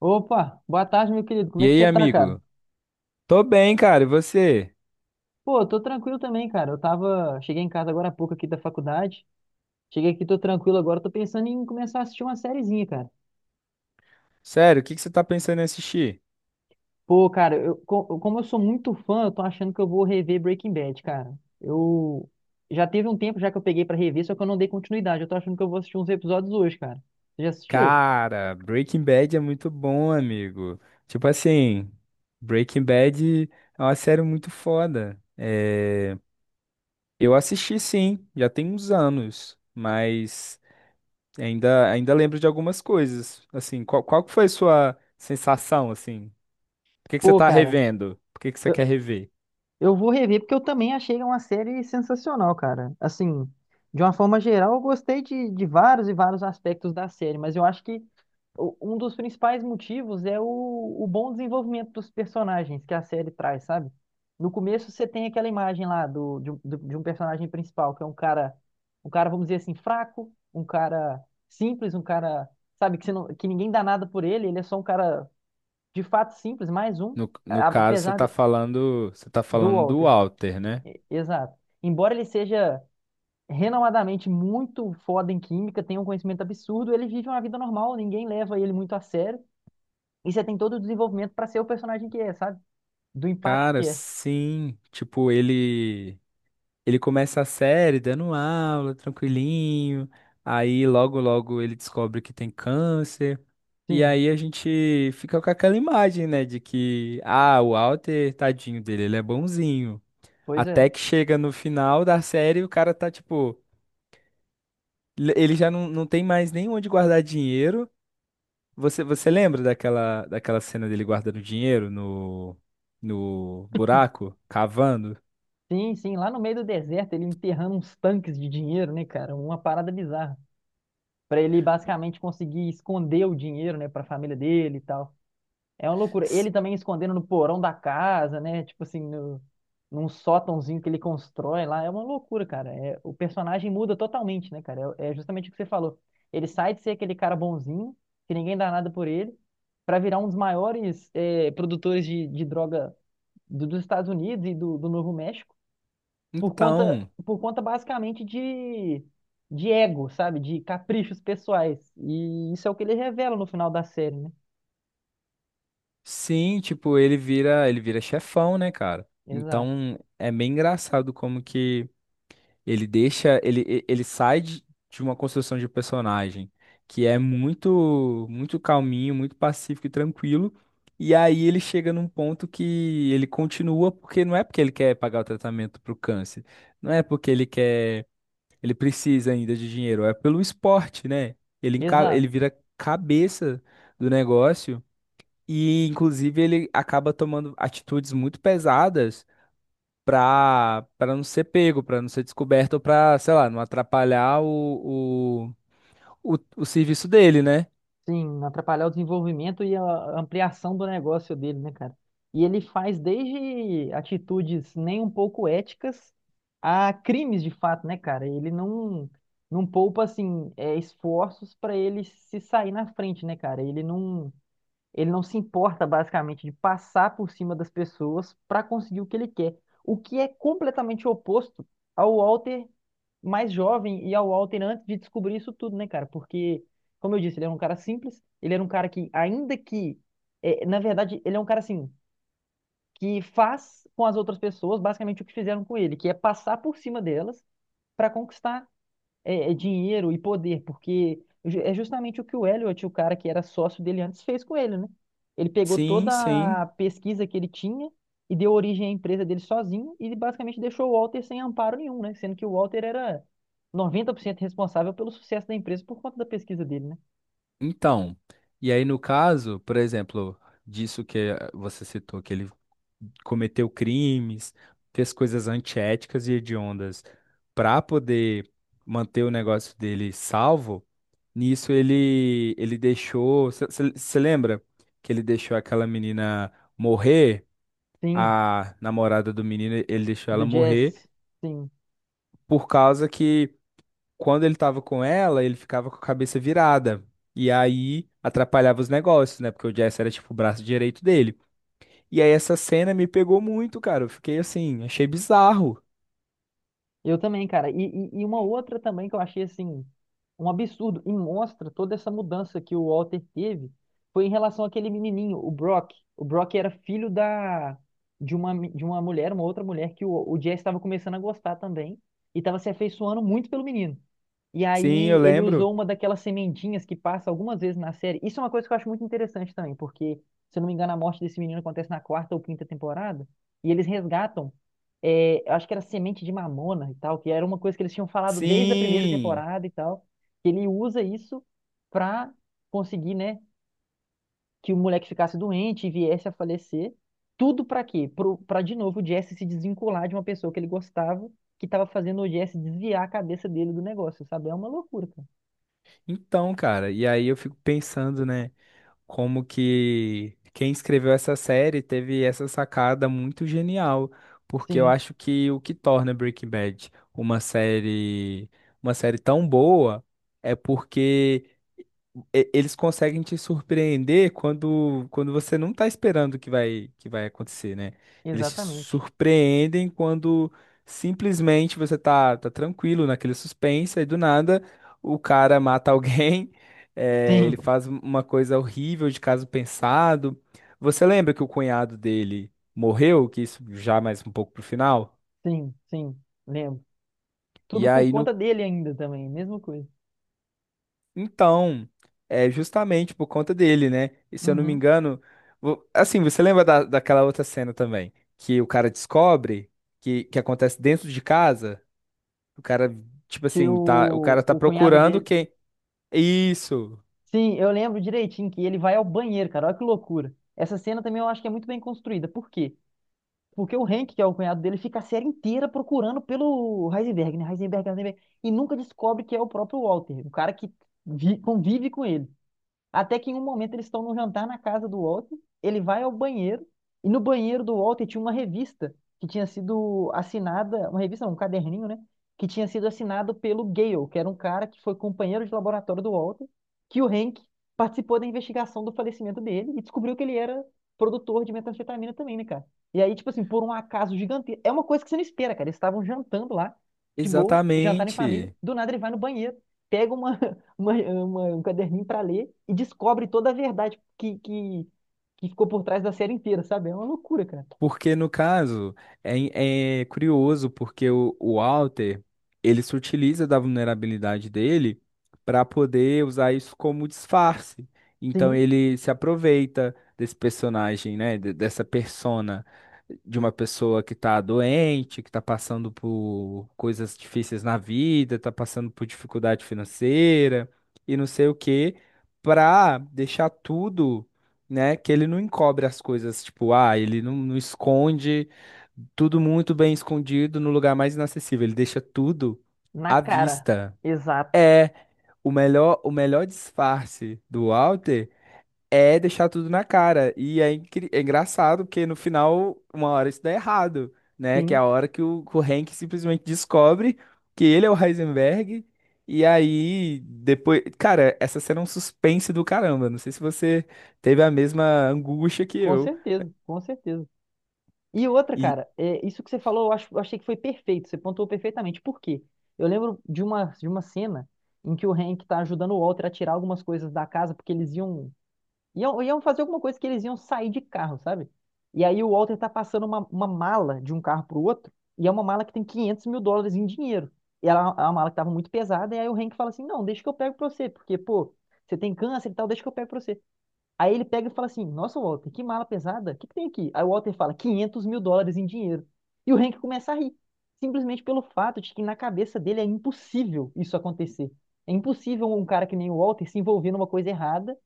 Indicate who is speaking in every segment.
Speaker 1: Opa, boa tarde, meu querido. Como
Speaker 2: E
Speaker 1: é que
Speaker 2: aí,
Speaker 1: você tá, cara?
Speaker 2: amigo? Tô bem, cara. E você?
Speaker 1: Pô, tô tranquilo também, cara. Eu tava. Cheguei em casa agora há pouco aqui da faculdade. Cheguei aqui, tô tranquilo agora. Tô pensando em começar a assistir uma sériezinha, cara.
Speaker 2: Sério, o que que você tá pensando em assistir?
Speaker 1: Pô, cara, como eu sou muito fã, eu tô achando que eu vou rever Breaking Bad, cara. Eu. Já teve um tempo já que eu peguei pra rever, só que eu não dei continuidade. Eu tô achando que eu vou assistir uns episódios hoje, cara. Você já assistiu?
Speaker 2: Cara, Breaking Bad é muito bom, amigo. Tipo assim, Breaking Bad é uma série muito foda. Eu assisti sim, já tem uns anos, mas ainda lembro de algumas coisas. Assim, qual que foi a sua sensação, assim? Por que que você
Speaker 1: Pô,
Speaker 2: tá
Speaker 1: cara.
Speaker 2: revendo? Por que que você quer rever?
Speaker 1: Eu vou rever porque eu também achei uma série sensacional, cara. Assim, de uma forma geral, eu gostei de vários e vários aspectos da série, mas eu acho que um dos principais motivos é o bom desenvolvimento dos personagens que a série traz, sabe? No começo você tem aquela imagem lá de um personagem principal, que é um cara, vamos dizer assim, fraco, um cara simples, um cara, sabe, que, você não, que ninguém dá nada por ele. Ele é só um cara de fato simples, mais um,
Speaker 2: No
Speaker 1: a-
Speaker 2: caso,
Speaker 1: apesar de-
Speaker 2: você tá
Speaker 1: do
Speaker 2: falando do
Speaker 1: Walter.
Speaker 2: Walter, né?
Speaker 1: Exato. Embora ele seja renomadamente muito foda em química, tenha um conhecimento absurdo, ele vive uma vida normal, ninguém leva ele muito a sério. E você tem todo o desenvolvimento para ser o personagem que é, sabe? Do impacto
Speaker 2: Cara,
Speaker 1: que é.
Speaker 2: sim. Tipo, ele começa a série dando aula, tranquilinho. Aí logo logo ele descobre que tem câncer. E
Speaker 1: Sim,
Speaker 2: aí a gente fica com aquela imagem, né, de que ah, o Walter, tadinho dele, ele é bonzinho.
Speaker 1: pois é.
Speaker 2: Até que chega no final da série, o cara tá tipo, ele já não tem mais nem onde guardar dinheiro. Você lembra daquela cena dele guardando dinheiro no buraco, cavando?
Speaker 1: Sim, sim, lá no meio do deserto, ele enterrando uns tanques de dinheiro, né, cara? Uma parada bizarra. Pra ele basicamente conseguir esconder o dinheiro, né, pra família dele e tal. É uma loucura. Ele também escondendo no porão da casa, né? Tipo assim, no, num sótãozinho que ele constrói lá. É uma loucura, cara. É, o personagem muda totalmente, né, cara? É justamente o que você falou. Ele sai de ser aquele cara bonzinho, que ninguém dá nada por ele, pra virar um dos maiores produtores de droga dos Estados Unidos e do Novo México, por conta,
Speaker 2: Então,
Speaker 1: por conta basicamente de ego, sabe? De caprichos pessoais. E isso é o que ele revela no final da série, né?
Speaker 2: sim, tipo, ele vira chefão, né, cara?
Speaker 1: Exato.
Speaker 2: Então, é bem engraçado como que ele deixa, ele, e- ele sai de uma construção de personagem que é muito, muito calminho, muito pacífico e tranquilo, e aí ele chega num ponto que ele continua porque não é porque ele quer pagar o tratamento pro câncer, não é porque ele quer, ele precisa ainda de dinheiro, é pelo esporte, né? Ele
Speaker 1: Exato.
Speaker 2: vira cabeça do negócio. E, inclusive, ele acaba tomando atitudes muito pesadas para não ser pego, para não ser descoberto, ou para, sei lá, não atrapalhar o serviço dele, né?
Speaker 1: Sim, atrapalhar o desenvolvimento e a ampliação do negócio dele, né, cara? E ele faz desde atitudes nem um pouco éticas a crimes de fato, né, cara? Ele não poupa assim esforços para ele se sair na frente, né, cara? Ele não se importa basicamente de passar por cima das pessoas para conseguir o que ele quer, o que é completamente oposto ao Walter mais jovem e ao Walter antes de descobrir isso tudo, né, cara? Porque, como eu disse, ele era um cara simples, ele era um cara que, ainda que, na verdade, ele é um cara assim, que faz com as outras pessoas basicamente o que fizeram com ele, que é passar por cima delas para conquistar dinheiro e poder, porque é justamente o que o Elliot, o cara que era sócio dele antes, fez com ele, né? Ele pegou
Speaker 2: Sim, sim.
Speaker 1: toda a pesquisa que ele tinha e deu origem à empresa dele sozinho, e ele basicamente deixou o Walter sem amparo nenhum, né? Sendo que o Walter era 90% responsável pelo sucesso da empresa por conta da pesquisa dele, né?
Speaker 2: Então, e aí no caso, por exemplo, disso que você citou, que ele cometeu crimes, fez coisas antiéticas e hediondas para poder manter o negócio dele salvo, nisso ele deixou, você lembra que ele deixou aquela menina morrer,
Speaker 1: Sim,
Speaker 2: a namorada do menino, ele deixou
Speaker 1: do
Speaker 2: ela morrer
Speaker 1: Jesse. Sim.
Speaker 2: por causa que quando ele tava com ela, ele ficava com a cabeça virada. E aí atrapalhava os negócios, né? Porque o Jesse era tipo o braço direito dele. E aí essa cena me pegou muito, cara. Eu fiquei assim, achei bizarro.
Speaker 1: Eu também, cara. E uma outra também que eu achei assim, um absurdo, e mostra toda essa mudança que o Walter teve, foi em relação àquele menininho, o Brock. O Brock era filho da de uma, mi- de uma mulher, uma outra mulher, que o Jesse estava começando a gostar também, e estava se afeiçoando muito pelo menino. E
Speaker 2: Sim,
Speaker 1: aí
Speaker 2: eu
Speaker 1: ele
Speaker 2: lembro.
Speaker 1: usou uma daquelas sementinhas que passa algumas vezes na série. Isso é uma coisa que eu acho muito interessante também, porque, se eu não me engano, a morte desse menino acontece na quarta ou quinta temporada, e eles resgatam eu acho que era semente de mamona e tal, que era uma coisa que eles tinham falado desde a primeira
Speaker 2: Sim.
Speaker 1: temporada e tal, que ele usa isso pra conseguir, né, que o moleque ficasse doente e viesse a falecer. Tudo pra quê? Pra de novo o Jesse se desvincular de uma pessoa que ele gostava, que tava fazendo o Jesse desviar a cabeça dele do negócio, sabe? É uma loucura, cara.
Speaker 2: Então, cara, e aí eu fico pensando, né, como que quem escreveu essa série teve essa sacada muito genial, porque eu
Speaker 1: Sim,
Speaker 2: acho que o que torna Breaking Bad uma série tão boa é porque eles conseguem te surpreender quando você não tá esperando que vai acontecer, né? Eles te
Speaker 1: exatamente.
Speaker 2: surpreendem quando simplesmente você tá, tá tranquilo naquele suspense, aí do nada o cara mata alguém, ele
Speaker 1: Sim,
Speaker 2: faz uma coisa horrível de caso pensado. Você lembra que o cunhado dele morreu? Que isso já mais um pouco pro final?
Speaker 1: sim, sim, lembro.
Speaker 2: E
Speaker 1: Tudo por
Speaker 2: aí no
Speaker 1: conta dele ainda também, mesma coisa.
Speaker 2: Então, é justamente por conta dele, né? E se eu não me
Speaker 1: Uhum.
Speaker 2: engano, assim, você lembra da, daquela outra cena também, que o cara descobre que acontece dentro de casa? O cara, tipo
Speaker 1: Que
Speaker 2: assim, tá, o cara
Speaker 1: o,
Speaker 2: tá
Speaker 1: o cunhado
Speaker 2: procurando
Speaker 1: dele.
Speaker 2: quem. Isso,
Speaker 1: Sim, eu lembro direitinho que ele vai ao banheiro, cara. Olha que loucura. Essa cena também eu acho que é muito bem construída. Por quê? Porque o Hank, que é o cunhado dele, fica a série inteira procurando pelo Heisenberg, né? Heisenberg, Heisenberg. E nunca descobre que é o próprio Walter, o cara que convive com ele. Até que em um momento eles estão num jantar na casa do Walter, ele vai ao banheiro, e no banheiro do Walter tinha uma revista que tinha sido assinada, uma revista, não, um caderninho, né? Que tinha sido assinado pelo Gale, que era um cara que foi companheiro de laboratório do Walter, que o Hank participou da investigação do falecimento dele e descobriu que ele era produtor de metanfetamina também, né, cara? E aí, tipo assim, por um acaso gigantesco, é uma coisa que você não espera, cara. Eles estavam jantando lá, de boa, jantar em família,
Speaker 2: exatamente.
Speaker 1: do nada ele vai no banheiro, pega um caderninho para ler e descobre toda a verdade que ficou por trás da série inteira, sabe? É uma loucura, cara.
Speaker 2: Porque no caso, é, é curioso porque o Walter, ele se utiliza da vulnerabilidade dele para poder usar isso como disfarce. Então
Speaker 1: Sim,
Speaker 2: ele se aproveita desse personagem, né, dessa persona de uma pessoa que está doente, que está passando por coisas difíceis na vida, está passando por dificuldade financeira e não sei o quê, para deixar tudo né? Que ele não encobre as coisas, tipo, ah, ele não, não esconde tudo muito bem escondido no lugar mais inacessível, ele deixa tudo
Speaker 1: na
Speaker 2: à
Speaker 1: cara.
Speaker 2: vista.
Speaker 1: Exato.
Speaker 2: É o melhor disfarce do Walter. É deixar tudo na cara. E é, é engraçado, porque no final, uma hora isso dá errado, né? Que é a
Speaker 1: Sim,
Speaker 2: hora que que o Hank simplesmente descobre que ele é o Heisenberg. E aí, depois. Cara, essa cena é um suspense do caramba. Não sei se você teve a mesma angústia que
Speaker 1: com
Speaker 2: eu.
Speaker 1: certeza, com certeza. E outra,
Speaker 2: E
Speaker 1: cara, isso que você falou, eu acho, eu achei que foi perfeito, você pontuou perfeitamente. Por quê? Eu lembro de uma cena em que o Hank tá ajudando o Walter a tirar algumas coisas da casa, porque eles iam fazer alguma coisa que eles iam sair de carro, sabe? E aí o Walter tá passando uma mala de um carro pro outro, e é uma mala que tem 500 mil dólares em dinheiro. E ela é uma mala que tava muito pesada, e aí o Hank fala assim, não, deixa que eu pego pra você, porque, pô, você tem câncer e tal, deixa que eu pego pra você. Aí ele pega e fala assim, nossa, Walter, que mala pesada, o que que tem aqui? Aí o Walter fala, 500 mil dólares em dinheiro. E o Hank começa a rir, simplesmente pelo fato de que na cabeça dele é impossível isso acontecer. É impossível um cara que nem o Walter se envolver numa coisa errada,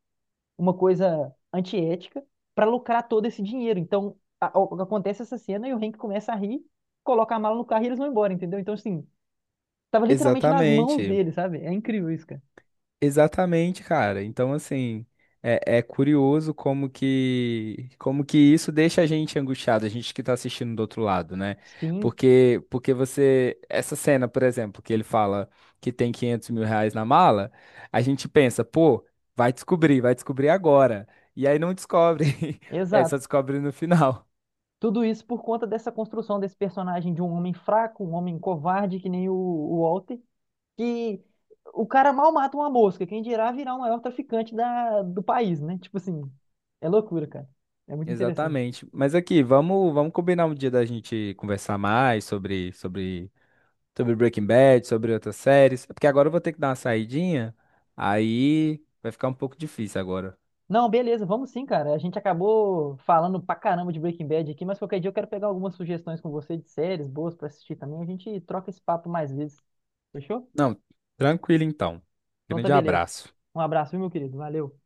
Speaker 1: uma coisa antiética, para lucrar todo esse dinheiro. Então, acontece essa cena e o Hank começa a rir, coloca a mala no carro e eles vão embora, entendeu? Então, assim, tava literalmente nas mãos
Speaker 2: exatamente.
Speaker 1: dele, sabe? É incrível isso, cara.
Speaker 2: Exatamente, cara. Então, assim, é, é curioso como que isso deixa a gente angustiado, a gente que tá assistindo do outro lado, né?
Speaker 1: Sim,
Speaker 2: Porque você essa cena, por exemplo, que ele fala que tem R$ 500 mil na mala, a gente pensa, pô, vai descobrir agora. E aí não descobre, é só
Speaker 1: exato.
Speaker 2: descobre no final.
Speaker 1: Tudo isso por conta dessa construção desse personagem de um homem fraco, um homem covarde, que nem o Walter, que o cara mal mata uma mosca, quem dirá virar o maior traficante da, do país, né? Tipo assim, é loucura, cara. É muito interessante.
Speaker 2: Exatamente. Mas aqui, vamos combinar um dia da gente conversar mais sobre Breaking Bad, sobre outras séries. É porque agora eu vou ter que dar uma saidinha. Aí vai ficar um pouco difícil agora.
Speaker 1: Não, beleza, vamos sim, cara. A gente acabou falando pra caramba de Breaking Bad aqui, mas qualquer dia eu quero pegar algumas sugestões com você de séries boas pra assistir também. A gente troca esse papo mais vezes. Fechou?
Speaker 2: Não, tranquilo então.
Speaker 1: Então tá
Speaker 2: Grande
Speaker 1: beleza.
Speaker 2: abraço.
Speaker 1: Um abraço, viu, meu querido? Valeu.